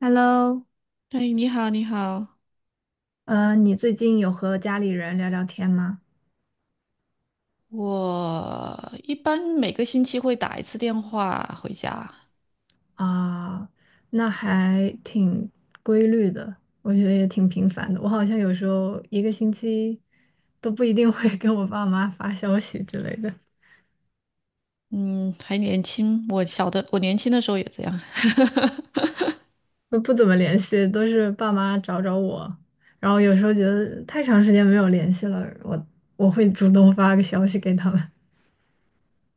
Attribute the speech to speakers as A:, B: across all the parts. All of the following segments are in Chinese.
A: Hello，
B: 哎，你好，你好。
A: 你最近有和家里人聊聊天吗？
B: 我一般每个星期会打一次电话回家。
A: 啊，那还挺规律的，我觉得也挺频繁的。我好像有时候一个星期都不一定会跟我爸妈发消息之类的，
B: 嗯，还年轻，我年轻的时候也这样。
A: 都不怎么联系，都是爸妈找找我。然后有时候觉得太长时间没有联系了，我会主动发个消息给他们。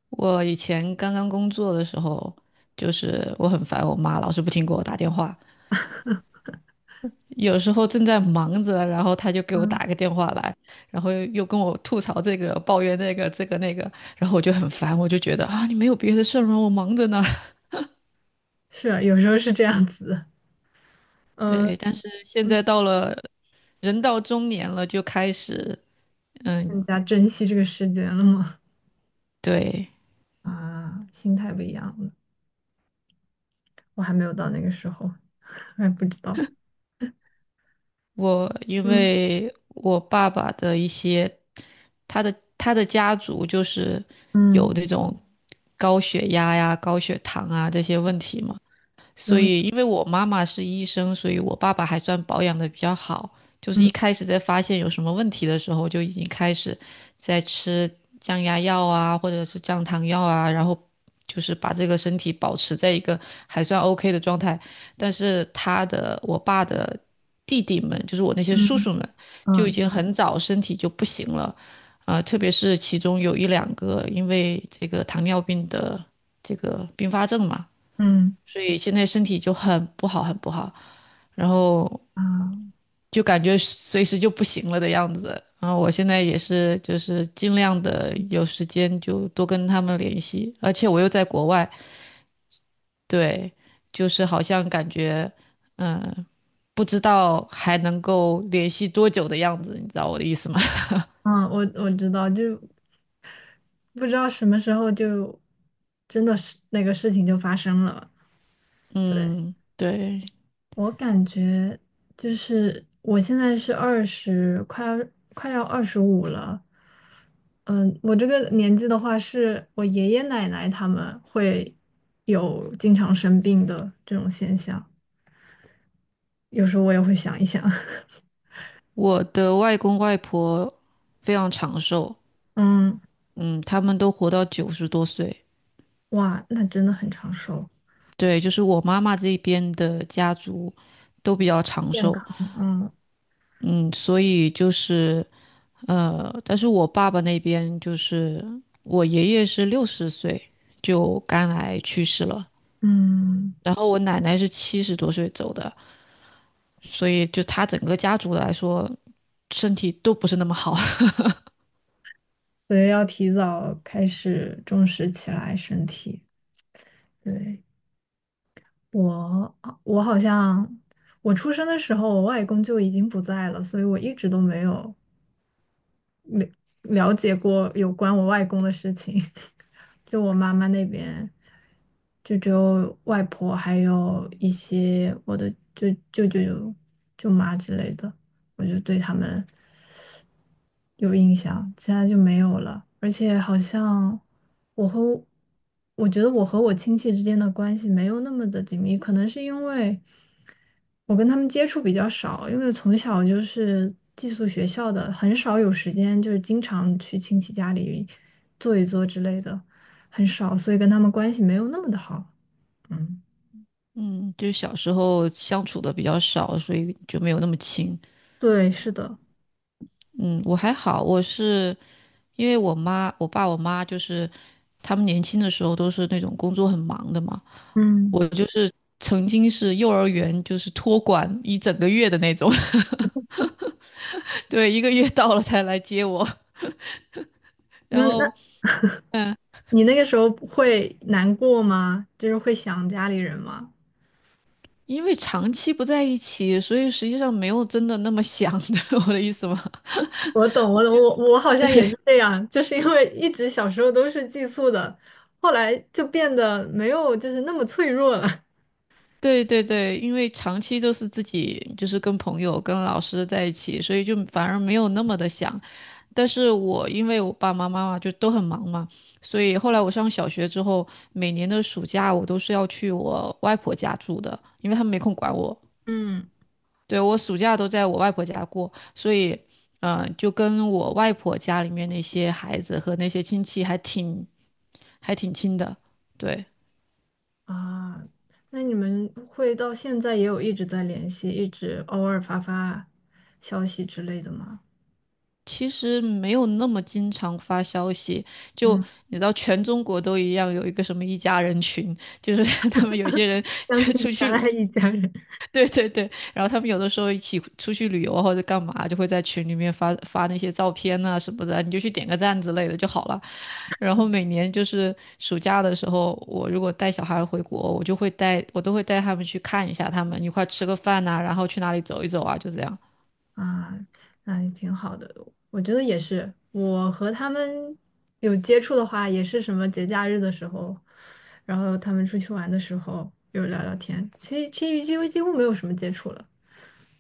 B: 我以前刚刚工作的时候，就是我很烦我妈，老是不停给我打电话。有时候正在忙着，然后她就给我
A: 嗯，
B: 打个电话来，然后又跟我吐槽这个、抱怨那个、这个那个，然后我就很烦，我就觉得啊，你没有别的事儿吗？我忙着呢。
A: 是啊，有时候是这样子的。嗯，
B: 对，但是现
A: 嗯，
B: 在到了人到中年了，就开始，嗯，
A: 更加珍惜这个时间了吗？
B: 对，
A: 啊，心态不一样了。我还没有到那个时候，还不知道。
B: 因
A: 嗯
B: 为我爸爸的一些，他的家族就是有
A: 嗯，
B: 那种高血压呀、高血糖啊这些问题嘛。
A: 然
B: 所
A: 后，
B: 以因为我妈妈是医生，所以我爸爸还算保养的比较好。就是一
A: 嗯，
B: 开始在发现有什么问题的时候，就已经开始在吃降压药啊，或者是降糖药啊，然后就是把这个身体保持在一个还算 OK 的状态。但是我爸的弟弟们，就是我那些叔
A: 嗯，
B: 叔们，就已经很早身体就不行了，啊、特别是其中有一两个因为这个糖尿病的这个并发症嘛。
A: 嗯，嗯，
B: 所以现在身体就很不好，很不好，然后
A: 啊，
B: 就感觉随时就不行了的样子。然后我现在也是，就是尽量的有时间就多跟他们联系，而且我又在国外，对，就是好像感觉，嗯，不知道还能够联系多久的样子，你知道我的意思吗？
A: 啊！我知道，就不知道什么时候就真的是那个事情就发生了。对，
B: 嗯，对，
A: 我感觉就是我现在是二十，快要二十五了。嗯，我这个年纪的话，是我爷爷奶奶他们会有经常生病的这种现象。有时候我也会想一想，
B: 我的外公外婆非常长寿，
A: 嗯，
B: 嗯，他们都活到90多岁。
A: 哇，那真的很长寿，
B: 对，就是我妈妈这边的家族都比较长
A: 健
B: 寿，
A: 康，嗯
B: 嗯，所以就是但是我爸爸那边就是我爷爷是60岁就肝癌去世了，
A: 嗯，
B: 然后我奶奶是70多岁走的，所以就他整个家族来说，身体都不是那么好。
A: 所以要提早开始重视起来身体。对，我，我好像我出生的时候，我外公就已经不在了，所以我一直都没有了解过有关我外公的事情，就我妈妈那边，就只有外婆，还有一些我的舅舅、舅妈之类的，我就对他们有印象，其他就没有了。而且好像我和我觉得我和我亲戚之间的关系没有那么的紧密，可能是因为。我跟他们接触比较少，因为从小就是寄宿学校的，很少有时间，就是经常去亲戚家里坐一坐之类的，很少，所以跟他们关系没有那么的好。嗯，
B: 嗯，就小时候相处的比较少，所以就没有那么亲。
A: 对，是的。
B: 嗯，我还好，我是因为我妈就是他们年轻的时候都是那种工作很忙的嘛，
A: 嗯。
B: 我就是曾经是幼儿园就是托管一整个月的那种。对，1个月到了才来接我。然
A: 那
B: 后
A: 你那个时候会难过吗？就是会想家里人吗？
B: 因为长期不在一起，所以实际上没有真的那么想的。我的意思吗？
A: 我懂，我懂，我好像也
B: 对，
A: 是这样，就是因为一直小时候都是寄宿的，后来就变得没有就是那么脆弱了。
B: 对对对，因为长期都是自己就是跟朋友、跟老师在一起，所以就反而没有那么的想。但是我因为我爸爸妈妈就都很忙嘛，所以后来我上小学之后，每年的暑假我都是要去我外婆家住的，因为他们没空管我。
A: 嗯，
B: 对，我暑假都在我外婆家过，所以，就跟我外婆家里面那些孩子和那些亲戚还挺亲的。对，
A: 啊，那你们会到现在也有一直在联系，一直偶尔发发消息之类的吗？
B: 其实没有那么经常发消息，就
A: 嗯，
B: 你知道，全中国都一样，有一个什么一家人群，就是 他们有些人
A: 相
B: 就
A: 亲
B: 出
A: 相
B: 去
A: 爱一家人。
B: 对对对，然后他们有的时候一起出去旅游啊或者干嘛，就会在群里面发发那些照片呐、什么的，你就去点个赞之类的就好了。然后每年就是暑假的时候，我如果带小孩回国，我都会带他们去看一下他们，一块吃个饭呐、然后去哪里走一走啊，就这样。
A: 啊，那也挺好的。我觉得也是，我和他们有接触的话，也是什么节假日的时候，然后他们出去玩的时候有聊聊天。其实几乎没有什么接触了。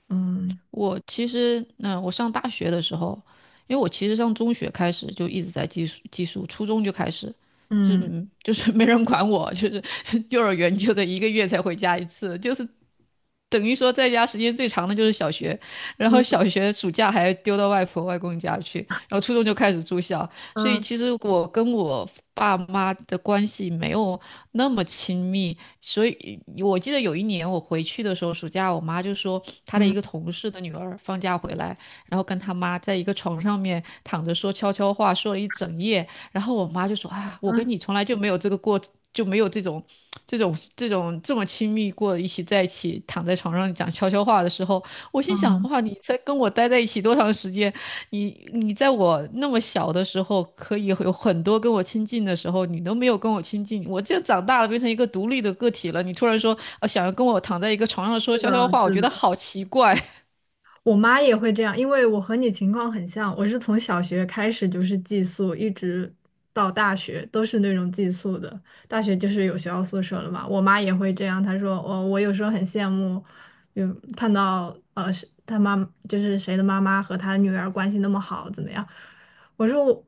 A: 嗯
B: 我其实，我上大学的时候，因为我其实上中学开始就一直在寄宿，初中就开始。就是
A: 嗯
B: 嗯就是没人管我，就是 幼儿园就得1个月才回家一次，就是等于说在家时间最长的就是小学，然后
A: 嗯
B: 小学暑假还丢到外婆外公家去，然后初中就开始住校，所以
A: 嗯
B: 其实我跟我爸妈的关系没有那么亲密，所以我记得有一年我回去的时候，暑假我妈就说她的一个
A: 嗯
B: 同事的女儿放假回来，然后跟她妈在一个床上面躺着说悄悄话，说了一整夜，然后我妈就说：“啊，我跟
A: 嗯
B: 你从来就没有这个过，就没有这种、这么亲密过，在一起躺在床上讲悄悄话的时候。”我心想：
A: 嗯，
B: 哇，你才跟我待在一起多长时间？你在我那么小的时候，可以有很多跟我亲近的时候，你都没有跟我亲近。我这长大了，变成一个独立的个体了，你突然说，想要跟我躺在一个床上说
A: 是
B: 悄悄
A: 的，
B: 话，我
A: 是
B: 觉得
A: 的。
B: 好奇怪。
A: 我妈也会这样，因为我和你情况很像，我是从小学开始就是寄宿，一直到大学都是那种寄宿的。大学就是有学校宿舍了嘛，我妈也会这样，她说我有时候很羡慕，有看到呃是她妈就是谁的妈妈和她女儿关系那么好，怎么样？我说我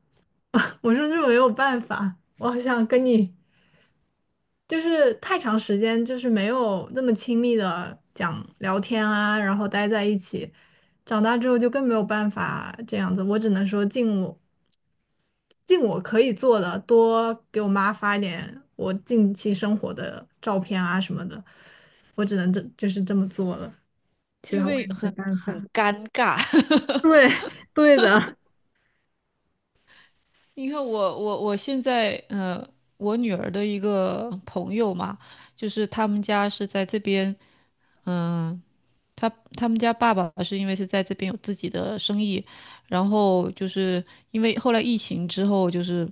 A: 我说这没有办法，我好想跟你。就是太长时间，就是没有那么亲密的讲聊天啊，然后待在一起。长大之后就更没有办法这样子，我只能说尽我可以做的，多给我妈发一点我近期生活的照片啊什么的，我只能就是这么做了，其
B: 因
A: 他我也
B: 为
A: 没
B: 很
A: 办法。
B: 很 尴尬。
A: 对，对的，
B: 你看我现在我女儿的一个朋友嘛，就是他们家是在这边，嗯、他他们家爸爸是因为是在这边有自己的生意，然后就是因为后来疫情之后，就是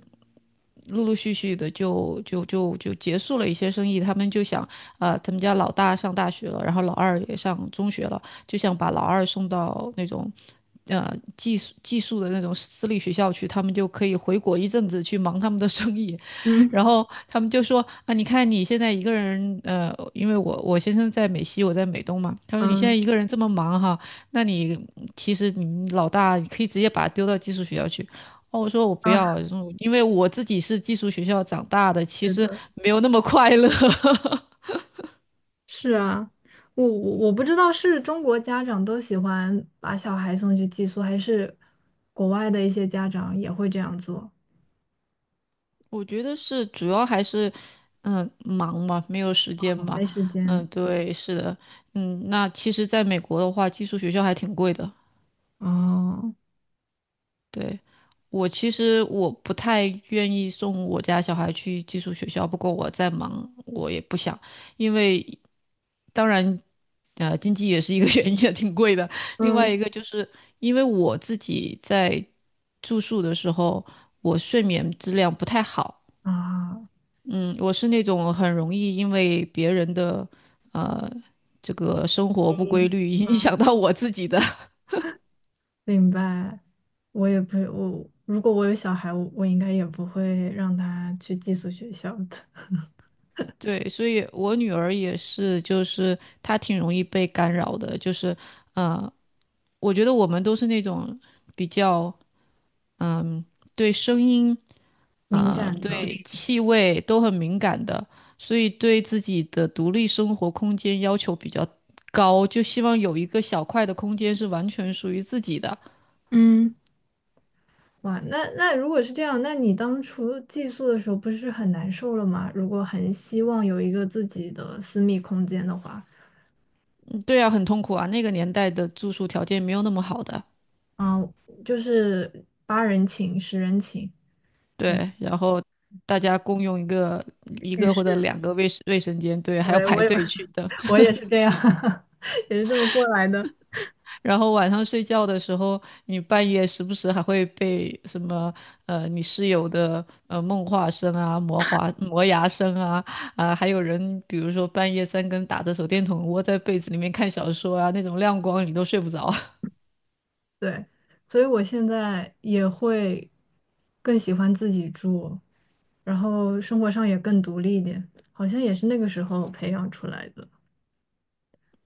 B: 陆陆续续的就结束了一些生意，他们就想啊、他们家老大上大学了，然后老二也上中学了，就想把老二送到那种。呃，寄宿的那种私立学校去，他们就可以回国一阵子去忙他们的生意，
A: 嗯
B: 然后他们就说啊，你看你现在一个人，因为我先生在美西，我在美东嘛，他说你现在
A: 嗯
B: 一个人这么忙哈，那你其实你老大你可以直接把他丢到寄宿学校去。哦，我说我不
A: 啊，
B: 要，因为我自己是寄宿学校长大的，其
A: 是
B: 实
A: 的。
B: 没有那么快乐。
A: 是啊，我不知道是中国家长都喜欢把小孩送去寄宿，还是国外的一些家长也会这样做。
B: 我觉得是主要还是，忙嘛，没有时间
A: 哦，
B: 吧。
A: 没时
B: 嗯，
A: 间。
B: 对，是的，那其实在美国的话，寄宿学校还挺贵的。
A: 哦，
B: 对，我其实我不太愿意送我家小孩去寄宿学校，不过我在忙，我也不想，因为当然，经济也是一个 原因，也挺贵的。另外
A: 嗯
B: 一个就是因为我自己在住宿的时候，我睡眠质量不太好。
A: 啊，
B: 嗯，我是那种很容易因为别人的呃这个生活不规
A: 嗯，
B: 律影响到我自己的。
A: 明白。我也不，我如果我有小孩，我应该也不会让他去寄宿学校的，
B: 对，所以我女儿也是，就是她挺容易被干扰的，就是呃，我觉得我们都是那种比较嗯、对声音
A: 敏
B: 啊、
A: 感的。
B: 对气味都很敏感的，所以对自己的独立生活空间要求比较高，就希望有一个小块的空间是完全属于自己的。
A: 嗯。哇，那如果是这样，那你当初寄宿的时候不是很难受了吗？如果很希望有一个自己的私密空间的话，
B: 对啊，很痛苦啊。那个年代的住宿条件没有那么好的，
A: 嗯，就是八人寝、十人寝这样。
B: 对。然后大家共用一个一
A: 浴
B: 个或者
A: 室，
B: 两个卫生间，对，还要排队去等。
A: 我也是这样，也是这么过来的。
B: 然后晚上睡觉的时候，你半夜时不时还会被什么你室友的梦话声啊、磨牙声啊啊、还有人比如说半夜三更打着手电筒窝在被子里面看小说啊，那种亮光你都睡不着。
A: 对，所以我现在也会更喜欢自己住，然后生活上也更独立一点，好像也是那个时候培养出来的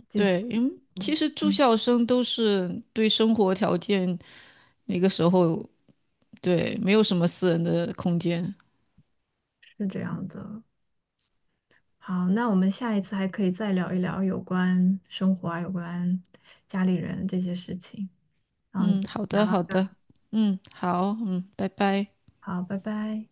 A: 寄宿。
B: 对，因为
A: 嗯，
B: 其实住
A: 嗯，
B: 校生都是对生活条件。那个时候对，没有什么私人的空间。
A: 是这样的。好，那我们下一次还可以再聊一聊有关生活啊，有关家里人这些事情。那我们今
B: 嗯，
A: 天
B: 好
A: 聊
B: 的，
A: 到
B: 好
A: 这儿，
B: 的，嗯，好，嗯，拜拜。
A: 好，拜拜。